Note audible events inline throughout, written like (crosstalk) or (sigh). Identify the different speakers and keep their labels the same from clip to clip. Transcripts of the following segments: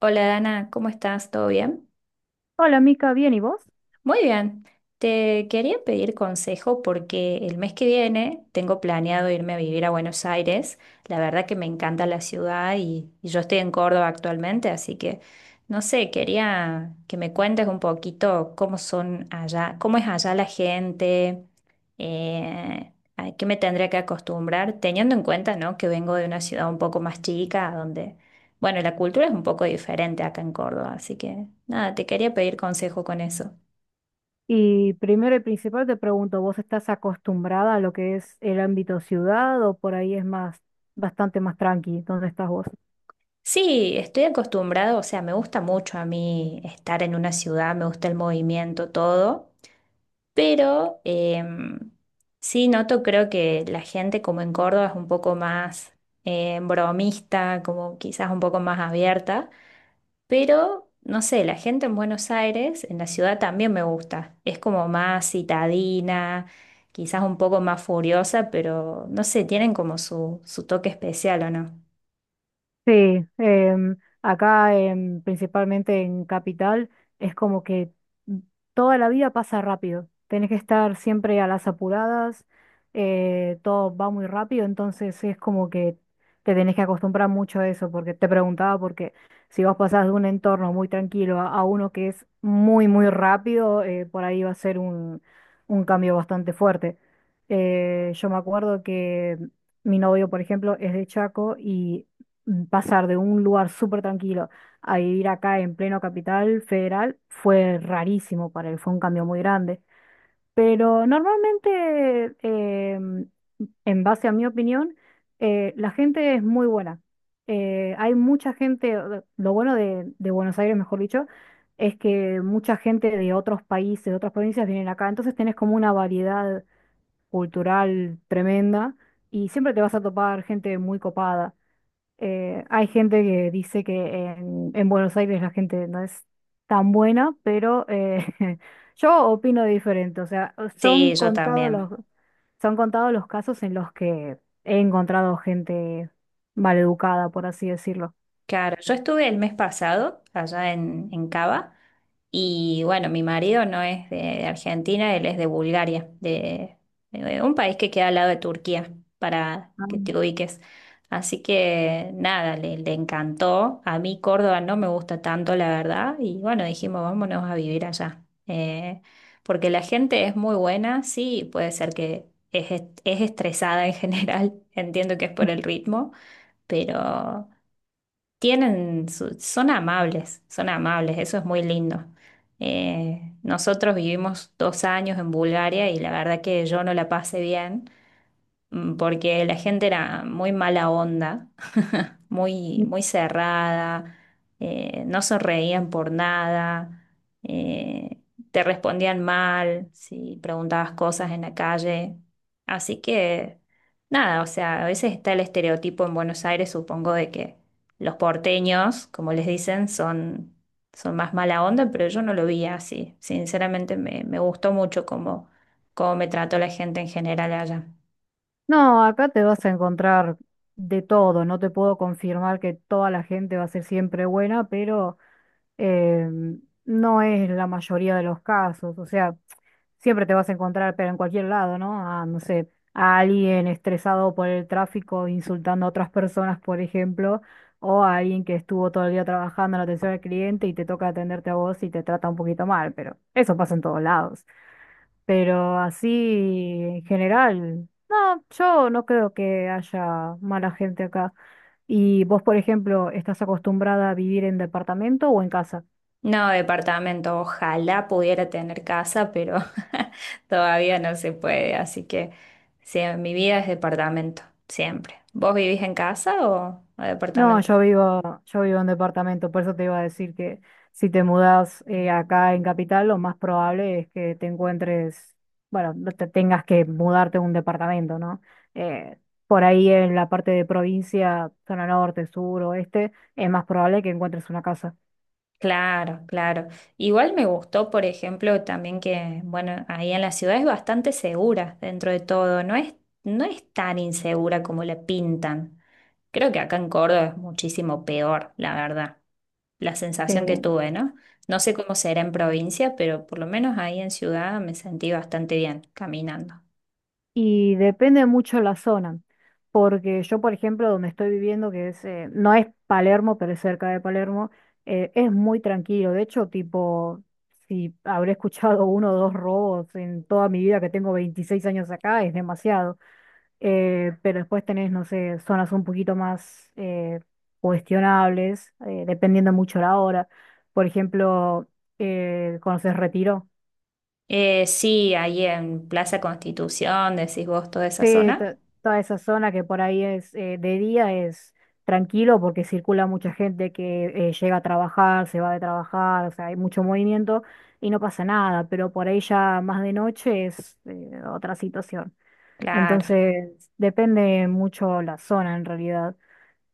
Speaker 1: Hola Dana, ¿cómo estás? ¿Todo bien?
Speaker 2: Hola, Mica, bien, ¿y vos?
Speaker 1: Muy bien, te quería pedir consejo porque el mes que viene tengo planeado irme a vivir a Buenos Aires. La verdad que me encanta la ciudad y yo estoy en Córdoba actualmente, así que no sé, quería que me cuentes un poquito cómo son allá, cómo es allá la gente, a qué me tendría que acostumbrar, teniendo en cuenta, ¿no? que vengo de una ciudad un poco más chica, donde, bueno, la cultura es un poco diferente acá en Córdoba, así que nada, te quería pedir consejo con eso.
Speaker 2: Y primero y principal te pregunto, ¿vos estás acostumbrada a lo que es el ámbito ciudad o por ahí es más, bastante más tranqui? ¿Dónde estás vos?
Speaker 1: Sí, estoy acostumbrado, o sea, me gusta mucho a mí estar en una ciudad, me gusta el movimiento, todo, pero sí noto, creo que la gente como en Córdoba es un poco más bromista, como quizás un poco más abierta, pero no sé, la gente en Buenos Aires, en la ciudad también me gusta, es como más citadina, quizás un poco más furiosa, pero no sé, tienen como su toque especial, ¿o no?
Speaker 2: Sí. Acá principalmente en Capital es como que toda la vida pasa rápido. Tenés que estar siempre a las apuradas, todo va muy rápido, entonces es como que te tenés que acostumbrar mucho a eso, porque te preguntaba porque si vos pasás de un entorno muy tranquilo a uno que es muy, muy rápido, por ahí va a ser un cambio bastante fuerte. Yo me acuerdo que mi novio, por ejemplo, es de Chaco y pasar de un lugar súper tranquilo a vivir acá en pleno capital federal fue rarísimo para él, fue un cambio muy grande. Pero normalmente, en base a mi opinión, la gente es muy buena. Hay mucha gente, lo bueno de Buenos Aires, mejor dicho, es que mucha gente de otros países, de otras provincias vienen acá, entonces tenés como una variedad cultural tremenda y siempre te vas a topar gente muy copada. Hay gente que dice que en Buenos Aires la gente no es tan buena, pero (laughs) yo opino diferente. O sea,
Speaker 1: Sí, yo también.
Speaker 2: son contados los casos en los que he encontrado gente maleducada, por así decirlo.
Speaker 1: Claro, yo estuve el mes pasado allá en Cava y bueno, mi marido no es de Argentina, él es de Bulgaria, de un país que queda al lado de Turquía, para que
Speaker 2: Ah.
Speaker 1: te ubiques. Así que nada, le encantó. A mí Córdoba no me gusta tanto, la verdad, y bueno, dijimos, vámonos a vivir allá. Porque la gente es muy buena, sí, puede ser que es estresada en general, (laughs) entiendo que es por el ritmo, pero... Son amables, son amables, eso es muy lindo. Nosotros vivimos 2 años en Bulgaria y la verdad que yo no la pasé bien porque la gente era muy mala onda, muy, muy cerrada, no sonreían por nada, eh, te respondían mal si preguntabas cosas en la calle. Así que, nada, o sea, a veces está el estereotipo en Buenos Aires, supongo, de que los porteños, como les dicen, son, son más mala onda, pero yo no lo vi así. Sinceramente, me gustó mucho cómo, cómo me trató la gente en general allá.
Speaker 2: No, acá te vas a encontrar de todo. No te puedo confirmar que toda la gente va a ser siempre buena, pero no es la mayoría de los casos, o sea, siempre te vas a encontrar, pero en cualquier lado, ¿no? A, no sé, a alguien estresado por el tráfico insultando a otras personas, por ejemplo, o a alguien que estuvo todo el día trabajando en la atención al cliente y te toca atenderte a vos y te trata un poquito mal, pero eso pasa en todos lados. Pero así, en general, no, yo no creo que haya mala gente acá. ¿Y vos, por ejemplo, estás acostumbrada a vivir en departamento o en casa?
Speaker 1: No, departamento. Ojalá pudiera tener casa, pero (laughs) todavía no se puede. Así que sí, mi vida es departamento, siempre. ¿Vos vivís en casa o
Speaker 2: No,
Speaker 1: departamento?
Speaker 2: yo vivo en departamento, por eso te iba a decir que si te mudas acá en Capital, lo más probable es que te encuentres, bueno, no te tengas que mudarte a un departamento, ¿no? Eh, por ahí en la parte de provincia, zona norte, sur, oeste, es más probable que encuentres una casa.
Speaker 1: Claro, claro. Igual me gustó, por ejemplo, también que, bueno, ahí en la ciudad es bastante segura dentro de todo. No es, no es tan insegura como la pintan. Creo que acá en Córdoba es muchísimo peor, la verdad. La sensación que
Speaker 2: Eh,
Speaker 1: tuve, ¿no? No sé cómo será en provincia, pero por lo menos ahí en ciudad me sentí bastante bien caminando.
Speaker 2: Y depende mucho la zona, porque yo, por ejemplo, donde estoy viviendo, que es, no es Palermo, pero es cerca de Palermo, es muy tranquilo. De hecho, tipo, si habré escuchado (laughs) uno o dos robos en toda mi vida, que tengo 26 años acá, es demasiado. Pero después tenés, no sé, zonas un poquito más cuestionables, dependiendo mucho la hora. Por ejemplo, ¿conoces Retiro?
Speaker 1: Sí, ahí en Plaza Constitución, decís vos, toda esa
Speaker 2: Sí,
Speaker 1: zona.
Speaker 2: toda esa zona que por ahí es de día es tranquilo porque circula mucha gente que llega a trabajar, se va de trabajar, o sea, hay mucho movimiento y no pasa nada, pero por ahí ya más de noche es otra situación.
Speaker 1: Claro,
Speaker 2: Entonces, depende mucho la zona en realidad.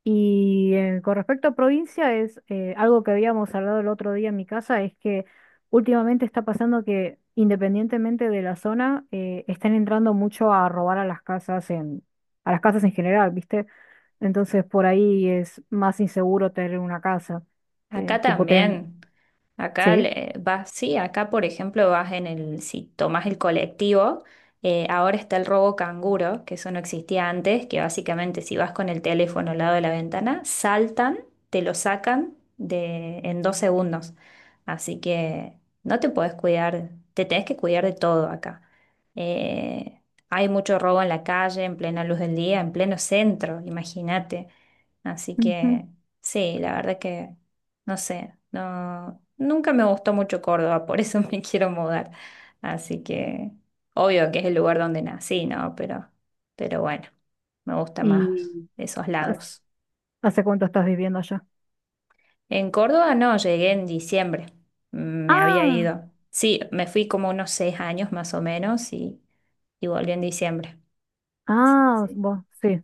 Speaker 2: Y con respecto a provincia, es algo que habíamos hablado el otro día en mi casa, es que últimamente está pasando que independientemente de la zona, están entrando mucho a robar a las casas a las casas en general, ¿viste? Entonces por ahí es más inseguro tener una casa. eh,
Speaker 1: acá
Speaker 2: tipo ten,
Speaker 1: también.
Speaker 2: sí.
Speaker 1: Vas, sí, acá por ejemplo vas en el, si tomas el colectivo, ahora está el robo canguro, que eso no existía antes, que básicamente si vas con el teléfono al lado de la ventana, saltan, te lo sacan de, en 2 segundos. Así que no te podés cuidar, te tenés que cuidar de todo acá. Eh, Hay mucho robo en la calle, en plena luz del día, en pleno centro, imagínate. Así
Speaker 2: Ujú.
Speaker 1: que sí, la verdad que no sé, no, nunca me gustó mucho Córdoba, por eso (laughs) me quiero mudar. Así que obvio que es el lugar donde nací, ¿no? Pero bueno, me gusta más
Speaker 2: ¿Y
Speaker 1: esos
Speaker 2: has-
Speaker 1: lados.
Speaker 2: hace cuánto estás viviendo allá?
Speaker 1: En Córdoba no, llegué en diciembre, me había
Speaker 2: Ah,
Speaker 1: ido. Sí, me fui como unos 6 años más o menos y volví en diciembre. Sí,
Speaker 2: ah,
Speaker 1: sí.
Speaker 2: vos, sí.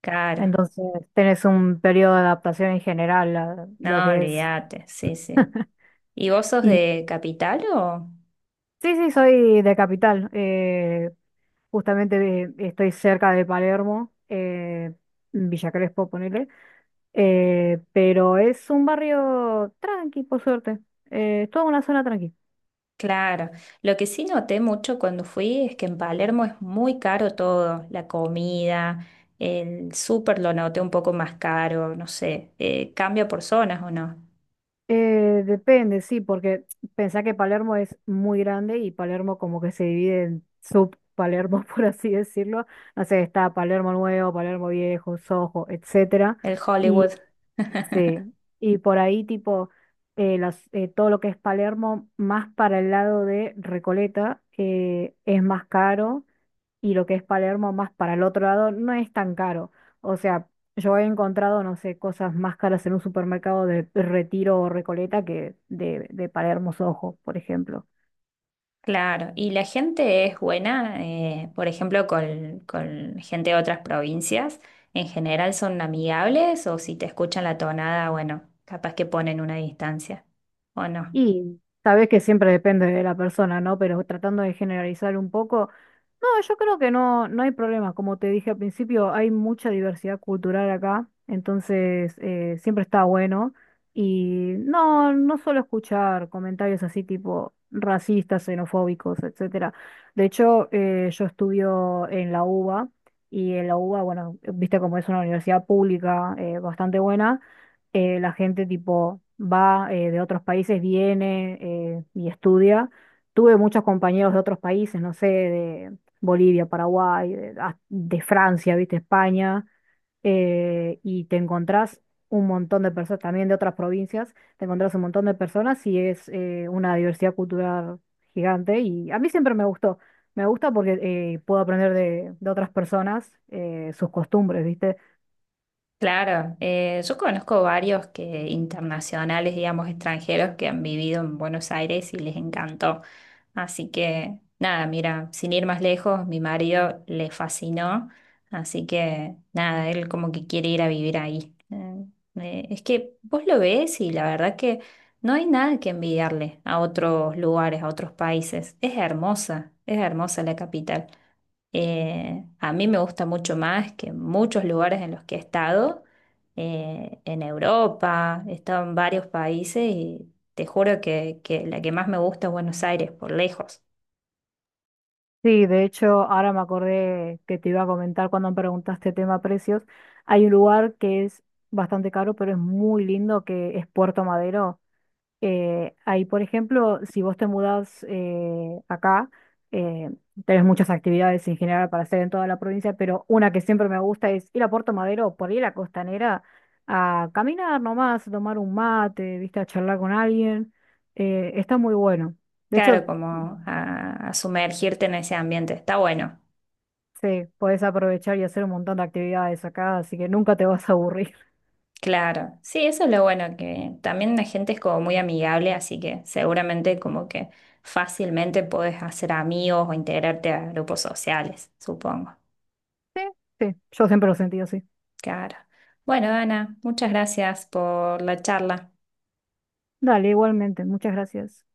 Speaker 1: Claro,
Speaker 2: Entonces tenés un periodo de adaptación en general a lo
Speaker 1: no,
Speaker 2: que es.
Speaker 1: olvídate, sí, sí. ¿Y vos sos
Speaker 2: Y
Speaker 1: de capital o...?
Speaker 2: sí, sí, soy de Capital. Justamente estoy cerca de Palermo, Villa Crespo, ponele. Pero es un barrio tranqui, por suerte. Es toda una zona tranqui.
Speaker 1: Claro, lo que sí noté mucho cuando fui es que en Palermo es muy caro todo, la comida, el súper lo noté un poco más caro, no sé, cambia por zonas o no,
Speaker 2: Depende, sí, porque pensá que Palermo es muy grande y Palermo como que se divide en sub-Palermo, (laughs) por así decirlo. No sé, está Palermo Nuevo, Palermo Viejo, Soho, etcétera.
Speaker 1: el Hollywood.
Speaker 2: Sí,
Speaker 1: (laughs)
Speaker 2: y por ahí tipo todo lo que es Palermo, más para el lado de Recoleta, es más caro y lo que es Palermo, más para el otro lado, no es tan caro. O sea, yo he encontrado, no sé, cosas más caras en un supermercado de Retiro o Recoleta que de Palermo Soho, por ejemplo.
Speaker 1: Claro, y la gente es buena, por ejemplo, con gente de otras provincias, en general son amigables o si te escuchan la tonada, bueno, capaz que ponen una distancia, ¿o no?
Speaker 2: Y sabés que siempre depende de la persona, ¿no? Pero tratando de generalizar un poco, no, yo creo que no, no hay problema. Como te dije al principio, hay mucha diversidad cultural acá, entonces siempre está bueno. Y no, no suelo escuchar comentarios así tipo racistas, xenofóbicos, etcétera. De hecho, yo estudio en la UBA y en la UBA, bueno, viste como es una universidad pública bastante buena, la gente tipo va de otros países, viene y estudia. Tuve muchos compañeros de otros países, no sé, de Bolivia, Paraguay, de, ah, de Francia, viste, España, y te encontrás un montón de personas, también de otras provincias, te encontrás un montón de personas y es una diversidad cultural gigante y a mí siempre me gustó. Me gusta porque puedo aprender de otras personas sus costumbres, ¿viste?
Speaker 1: Claro, yo conozco varios que internacionales, digamos, extranjeros que han vivido en Buenos Aires y les encantó. Así que nada, mira, sin ir más lejos, mi marido le fascinó, así que nada, él como que quiere ir a vivir ahí. Es que vos lo ves y la verdad que no hay nada que envidiarle a otros lugares, a otros países. Es hermosa la capital. A mí me gusta mucho más que muchos lugares en los que he estado, en Europa, he estado en varios países y te juro que la que más me gusta es Buenos Aires, por lejos.
Speaker 2: Sí, de hecho, ahora me acordé que te iba a comentar cuando me preguntaste tema precios. Hay un lugar que es bastante caro, pero es muy lindo, que es Puerto Madero. Ahí, por ejemplo, si vos te mudás acá, eh, tenés muchas actividades en general para hacer en toda la provincia, pero una que siempre me gusta es ir a Puerto Madero, por ahí a la costanera, a caminar nomás, a tomar un mate, viste, a charlar con alguien. Está muy bueno. De
Speaker 1: Claro,
Speaker 2: hecho,
Speaker 1: como a sumergirte en ese ambiente, está bueno.
Speaker 2: sí, puedes aprovechar y hacer un montón de actividades acá, así que nunca te vas a aburrir.
Speaker 1: Claro, sí, eso es lo bueno, que también la gente es como muy amigable, así que seguramente como que fácilmente podés hacer amigos o integrarte a grupos sociales, supongo.
Speaker 2: Sí, sí, yo siempre lo sentí así.
Speaker 1: Claro. Bueno, Ana, muchas gracias por la charla.
Speaker 2: Dale, igualmente, muchas gracias.